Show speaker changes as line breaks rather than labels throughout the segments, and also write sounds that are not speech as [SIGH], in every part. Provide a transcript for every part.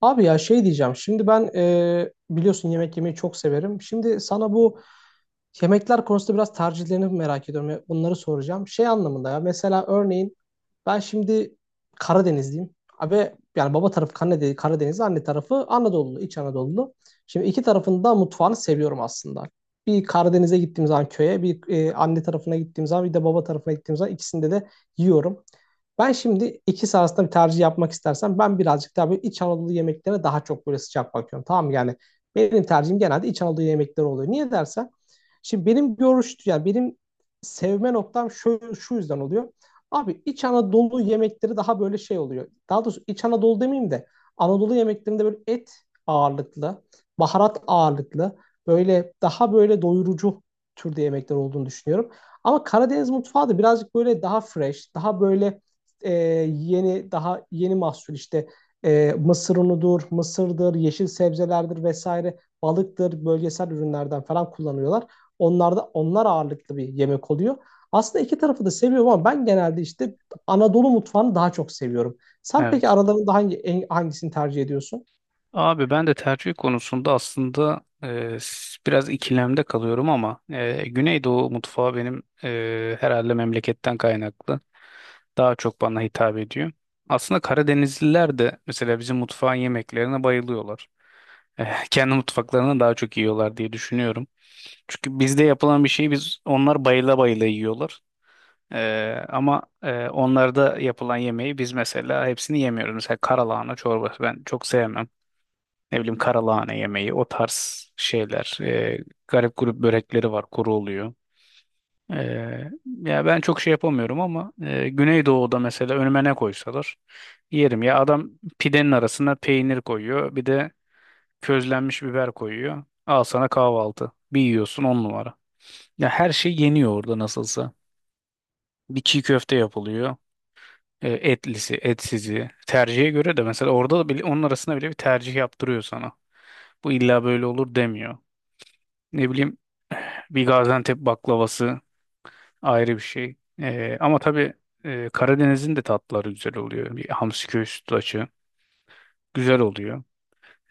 Abi ya şey diyeceğim. Şimdi ben biliyorsun yemek yemeyi çok severim. Şimdi sana bu yemekler konusunda biraz tercihlerini merak ediyorum. Bunları soracağım. Şey anlamında ya mesela örneğin ben şimdi Karadenizliyim. Abi yani baba tarafı Karadenizli, anne tarafı Anadolu, İç Anadolu. Şimdi iki tarafında mutfağını seviyorum aslında. Bir Karadeniz'e gittiğim zaman köye, bir anne tarafına gittiğim zaman, bir de baba tarafına gittiğim zaman ikisinde de yiyorum. Ben şimdi ikisi arasında bir tercih yapmak istersem ben birazcık daha böyle İç Anadolu yemeklerine daha çok böyle sıcak bakıyorum. Tamam mı? Yani benim tercihim genelde İç Anadolu yemekleri oluyor. Niye dersen? Şimdi benim görüş, yani benim sevme noktam şu, şu yüzden oluyor. Abi İç Anadolu yemekleri daha böyle şey oluyor. Daha doğrusu İç Anadolu demeyeyim de Anadolu yemeklerinde böyle et ağırlıklı, baharat ağırlıklı, böyle daha böyle doyurucu türde yemekler olduğunu düşünüyorum. Ama Karadeniz mutfağı da birazcık böyle daha fresh, daha böyle e, yeni, daha yeni mahsul işte mısır unudur, mısırdır, yeşil sebzelerdir vesaire, balıktır, bölgesel ürünlerden falan kullanıyorlar. Onlar da onlar ağırlıklı bir yemek oluyor. Aslında iki tarafı da seviyorum ama ben genelde işte Anadolu mutfağını daha çok seviyorum. Sen peki
Evet.
aralarında hangisini tercih ediyorsun?
Abi ben de tercih konusunda aslında biraz ikilemde kalıyorum ama Güneydoğu mutfağı benim, herhalde memleketten kaynaklı daha çok bana hitap ediyor. Aslında Karadenizliler de mesela bizim mutfağın yemeklerine bayılıyorlar. E, [LAUGHS] kendi mutfaklarını daha çok yiyorlar diye düşünüyorum. Çünkü bizde yapılan bir şeyi biz onlar bayıla bayıla yiyorlar. E, ama onlarda yapılan yemeği biz mesela hepsini yemiyoruz. Mesela karalahana çorbası ben çok sevmem. Ne bileyim karalahane yemeği, o tarz şeyler. Garip grup börekleri var, kuru oluyor. Ee, ya ben çok şey yapamıyorum ama, Güneydoğu'da mesela önüme ne koysalar yerim. Ya adam pidenin arasına peynir koyuyor, bir de közlenmiş biber koyuyor. Al sana kahvaltı. Bir yiyorsun on numara. Ya her şey yeniyor orada nasılsa. Bir çiğ köfte yapılıyor. Etlisi, etsizi. Tercihe göre de mesela orada da bile, onun arasında bile bir tercih yaptırıyor sana. Bu illa böyle olur demiyor. Ne bileyim, bir Gaziantep baklavası ayrı bir şey. Ama tabii, Karadeniz'in de tatlıları güzel oluyor. Bir hamsi köy sütlaçı güzel oluyor.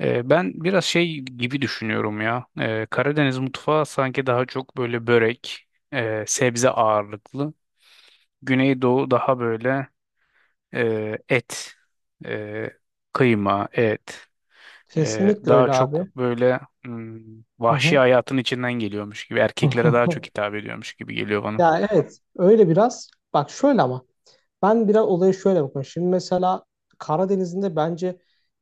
Ben biraz şey gibi düşünüyorum ya. Karadeniz mutfağı sanki daha çok böyle börek, sebze ağırlıklı. Güneydoğu daha böyle et, e, kıyma, et.
Kesinlikle
Daha
öyle
çok
abi.
böyle hmm,
Hı
vahşi
hı.
hayatın içinden geliyormuş gibi. Erkeklere daha çok
[LAUGHS]
hitap ediyormuş gibi geliyor bana.
Ya evet öyle biraz. Bak şöyle ama ben biraz olaya şöyle bakıyorum. Şimdi mesela Karadeniz'in de bence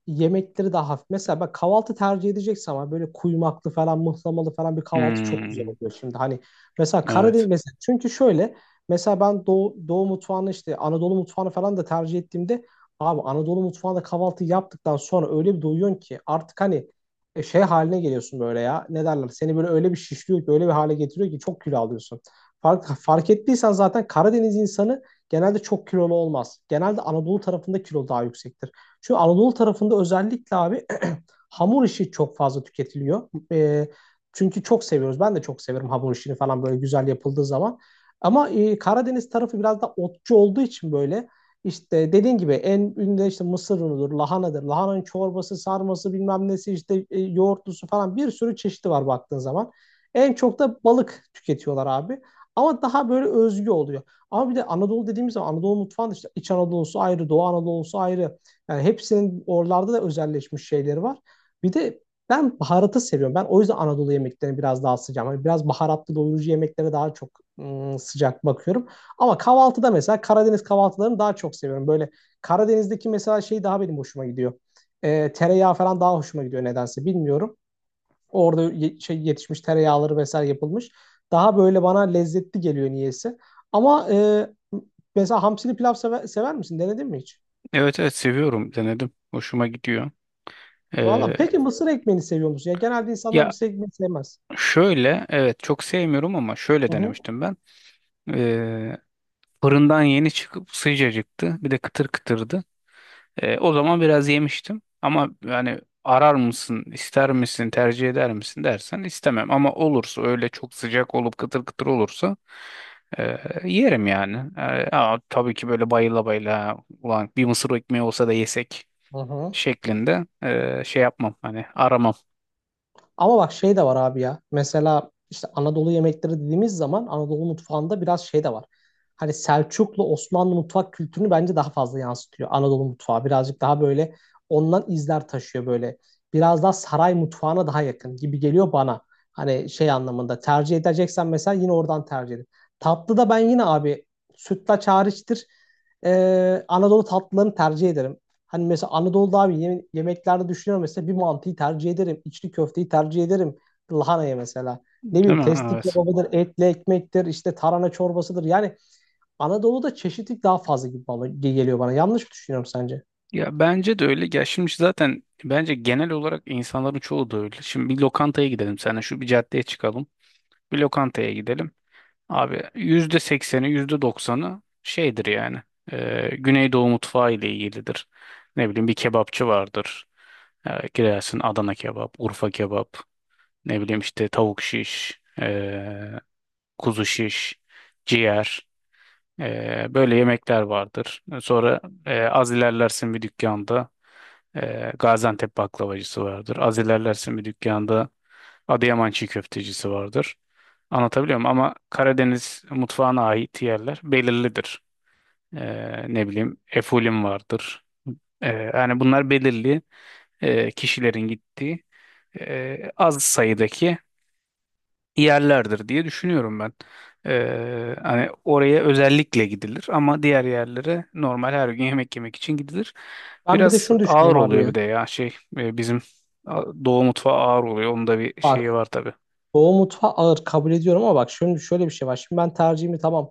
yemekleri daha hafif. Mesela ben kahvaltı tercih edecekse ama böyle kuymaklı falan, mıhlamalı falan bir kahvaltı çok güzel
Hmm.
oluyor. Şimdi hani mesela Karadeniz
Evet.
mesela çünkü şöyle mesela ben Doğu mutfağını işte Anadolu mutfağını falan da tercih ettiğimde abi Anadolu mutfağında kahvaltı yaptıktan sonra öyle bir doyuyorsun ki artık hani şey haline geliyorsun böyle ya. Ne derler? Seni böyle öyle bir şişliyor ki öyle bir hale getiriyor ki çok kilo alıyorsun. Fark ettiysen zaten Karadeniz insanı genelde çok kilolu olmaz. Genelde Anadolu tarafında kilo daha yüksektir. Çünkü Anadolu tarafında özellikle abi hamur işi çok fazla tüketiliyor. Çünkü çok seviyoruz. Ben de çok severim hamur işini falan böyle güzel yapıldığı zaman. Ama Karadeniz tarafı biraz da otçu olduğu için böyle işte dediğin gibi en ünlü işte mısır unudur, lahanadır. Lahananın çorbası, sarması bilmem nesi işte yoğurtlusu falan bir sürü çeşidi var baktığın zaman. En çok da balık tüketiyorlar abi. Ama daha böyle özgü oluyor. Ama bir de Anadolu dediğimiz zaman Anadolu mutfağında işte İç Anadolu'su ayrı, Doğu Anadolu'su ayrı. Yani hepsinin oralarda da özelleşmiş şeyleri var. Bir de ben baharatı seviyorum. Ben o yüzden Anadolu yemeklerini biraz daha sıcağım. Hani biraz baharatlı doyurucu yemeklere daha çok sıcak bakıyorum. Ama kahvaltıda mesela Karadeniz kahvaltılarını daha çok seviyorum. Böyle Karadeniz'deki mesela şey daha benim hoşuma gidiyor. Tereyağı falan daha hoşuma gidiyor nedense bilmiyorum. Orada şey yetişmiş tereyağları vesaire yapılmış. Daha böyle bana lezzetli geliyor niyeyse. Ama mesela hamsili pilav sever, sever misin? Denedin mi hiç?
Evet, evet, seviyorum, denedim. Hoşuma gidiyor.
Valla
Ee,
peki mısır ekmeğini seviyor musun? Ya genelde insanlar
ya
mısır ekmeğini sevmez.
şöyle, evet, çok sevmiyorum ama şöyle
Hı hı.
denemiştim ben. Ee, Fırından yeni çıkıp sıcacıktı. Bir de kıtır kıtırdı. O zaman biraz yemiştim. Ama yani arar mısın, ister misin, tercih eder misin dersen istemem. Ama olursa öyle çok sıcak olup kıtır kıtır olursa ee, yerim yani. Ama tabii ki böyle bayıla bayıla ulan bir mısır ekmeği olsa da yesek
Hı hı.
şeklinde şey yapmam, hani aramam,
Ama bak şey de var abi ya. Mesela işte Anadolu yemekleri dediğimiz zaman Anadolu mutfağında biraz şey de var. Hani Selçuklu Osmanlı mutfak kültürünü bence daha fazla yansıtıyor. Anadolu mutfağı birazcık daha böyle ondan izler taşıyor böyle. Biraz daha saray mutfağına daha yakın gibi geliyor bana. Hani şey anlamında tercih edeceksen mesela yine oradan tercih edin. Tatlı da ben yine abi sütlaç hariçtir. Anadolu tatlılarını tercih ederim. Hani mesela Anadolu'da abi yemeklerde düşünüyorum mesela bir mantıyı tercih ederim. İçli köfteyi tercih ederim. Lahanayı mesela. Ne
değil
bileyim
mi?
testi
Evet.
kebabıdır, etli ekmektir, işte tarhana çorbasıdır. Yani Anadolu'da çeşitlilik daha fazla gibi geliyor bana. Yanlış mı düşünüyorum sence?
Ya bence de öyle. Ya şimdi zaten bence genel olarak insanların çoğu da öyle. Şimdi bir lokantaya gidelim seninle, şu bir caddeye çıkalım. Bir lokantaya gidelim. Abi %80'i, yüzde doksanı şeydir yani. Güneydoğu mutfağı ile ilgilidir. Ne bileyim bir kebapçı vardır. Girersin, Adana kebap, Urfa kebap, ne bileyim işte tavuk şiş, kuzu şiş, ciğer. Böyle yemekler vardır. Sonra az ilerlersin bir dükkanda Gaziantep baklavacısı vardır. Az ilerlersin bir dükkanda Adıyaman çiğ köftecisi vardır. Anlatabiliyor muyum? Ama Karadeniz mutfağına ait yerler belirlidir. Ne bileyim Efulim vardır. Ee, Yani bunlar belirli kişilerin gittiği, az sayıdaki yerlerdir diye düşünüyorum ben. Hani oraya özellikle gidilir ama diğer yerlere normal her gün yemek yemek için gidilir.
Ben bir de
Biraz
şunu
ağır
düşünüyorum abi
oluyor
ya.
bir de, ya şey, bizim Doğu mutfağı ağır oluyor. Onun da bir
Bak
şeyi var tabii.
Doğu mutfağı ağır kabul ediyorum ama bak şimdi şöyle bir şey var. Şimdi ben tercihimi tamam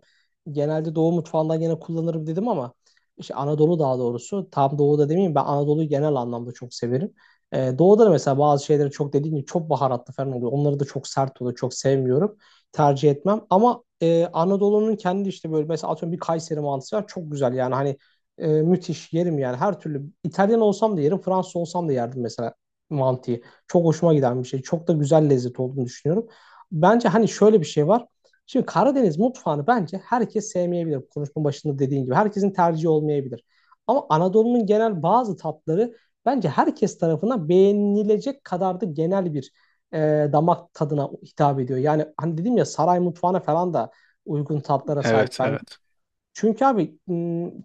genelde Doğu mutfağından gene kullanırım dedim ama işte Anadolu daha doğrusu tam Doğu'da demeyeyim ben Anadolu'yu genel anlamda çok severim. Doğu'da da mesela bazı şeyleri çok dediğim gibi çok baharatlı falan oluyor. Onları da çok sert oluyor. Çok sevmiyorum. Tercih etmem. Ama Anadolu'nun kendi işte böyle mesela atıyorum bir Kayseri mantısı var. Çok güzel yani hani müthiş yerim yani her türlü İtalyan olsam da yerim Fransız olsam da yerdim mesela mantıyı. Çok hoşuma giden bir şey. Çok da güzel lezzet olduğunu düşünüyorum. Bence hani şöyle bir şey var. Şimdi Karadeniz mutfağını bence herkes sevmeyebilir. Konuşmanın başında dediğin gibi. Herkesin tercihi olmayabilir. Ama Anadolu'nun genel bazı tatları bence herkes tarafından beğenilecek kadar da genel bir e, damak tadına hitap ediyor. Yani hani dedim ya saray mutfağına falan da uygun tatlara
Evet,
sahip bence.
evet.
Çünkü abi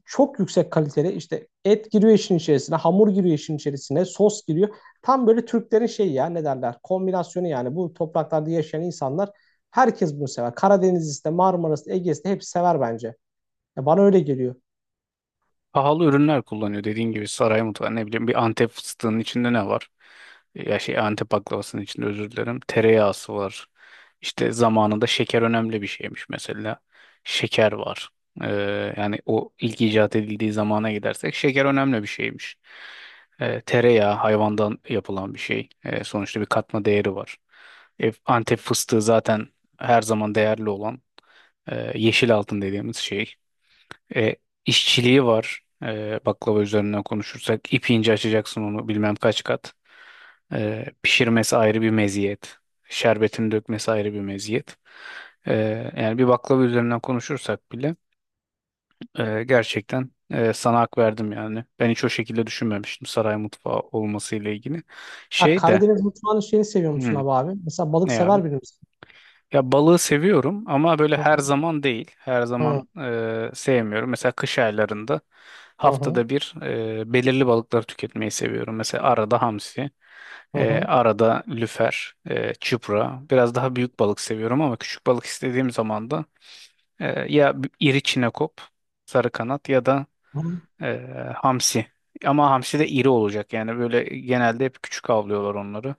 çok yüksek kaliteli işte et giriyor işin içerisine, hamur giriyor işin içerisine, sos giriyor. Tam böyle Türklerin şeyi ya ne derler kombinasyonu yani bu topraklarda yaşayan insanlar herkes bunu sever. Karadenizlisi de Marmara'sı da Ege'si de hepsi sever bence. Ya bana öyle geliyor.
Pahalı ürünler kullanıyor dediğin gibi saray mutfağı. Ne bileyim, bir Antep fıstığının içinde ne var? Ya şey, Antep baklavasının içinde, özür dilerim. Tereyağısı var. İşte zamanında şeker önemli bir şeymiş mesela. Şeker var. Yani o ilk icat edildiği zamana gidersek şeker önemli bir şeymiş. Tereyağı hayvandan yapılan bir şey. Sonuçta bir katma değeri var. Antep fıstığı zaten her zaman değerli olan, yeşil altın dediğimiz şey. E, işçiliği var. Baklava üzerinden konuşursak ip ince açacaksın onu bilmem kaç kat. Pişirmesi ayrı bir meziyet. Şerbetini dökmesi ayrı bir meziyet. E, Yani bir baklava üzerinden konuşursak bile gerçekten, sana hak verdim yani. Ben hiç o şekilde düşünmemiştim saray mutfağı olmasıyla ilgili.
Ha,
Şey de
Karadeniz mutfağının şeyini seviyor musun
hmm,
abi? Mesela balık
ne abi?
sever biri misin?
Ya balığı seviyorum ama böyle
Hı
her
hı.
zaman değil. Her zaman
Hı
sevmiyorum. Mesela kış aylarında
hı.
haftada bir, belirli balıkları tüketmeyi seviyorum. Mesela arada hamsi,
Hı hı.
arada lüfer, çupra. Biraz daha büyük balık seviyorum ama küçük balık istediğim zaman da iri çinekop, sarı kanat ya da
Hı hı.
e, hamsi. Ama hamsi de iri olacak. Yani böyle genelde hep küçük avlıyorlar onları.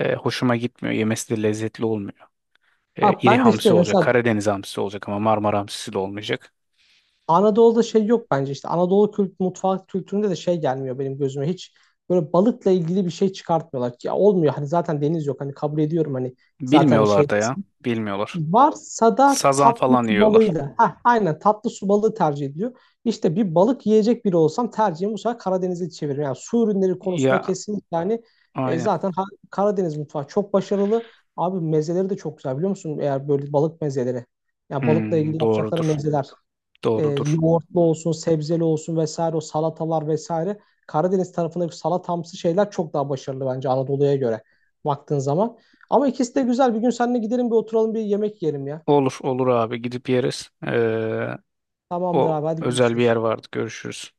Hoşuma gitmiyor. Yemesi de lezzetli olmuyor.
Bak
İri
ben de
hamsi
işte
olacak.
mesela
Karadeniz hamsisi olacak ama Marmara hamsisi de olmayacak.
Anadolu'da şey yok bence işte Anadolu kült mutfak kültüründe de şey gelmiyor benim gözüme hiç böyle balıkla ilgili bir şey çıkartmıyorlar ki ya olmuyor hani zaten deniz yok hani kabul ediyorum hani zaten şey
Bilmiyorlar da ya. Bilmiyorlar.
varsa da
Sazan
tatlı
falan
su
yiyorlar.
balığıyla ha aynen tatlı su balığı tercih ediliyor. İşte bir balık yiyecek biri olsam tercihim bu sefer Karadeniz'e çeviririm. Yani su ürünleri konusunda
Ya
kesinlikle hani e,
aynen.
zaten ha- Karadeniz mutfağı çok başarılı. Abi mezeleri de çok güzel biliyor musun? Eğer böyle balık mezeleri. Yani balıkla ilgili
Hmm,
yapacakları
doğrudur.
mezeler
Doğrudur.
yoğurtlu olsun, sebzeli olsun vesaire o salatalar vesaire. Karadeniz tarafındaki salatamsı şeyler çok daha başarılı bence Anadolu'ya göre baktığın zaman. Ama ikisi de güzel. Bir gün seninle gidelim bir oturalım bir yemek yiyelim ya.
Olur, olur abi, gidip yeriz.
Tamamdır
O
abi hadi
özel bir
görüşürüz.
yer vardı. Görüşürüz.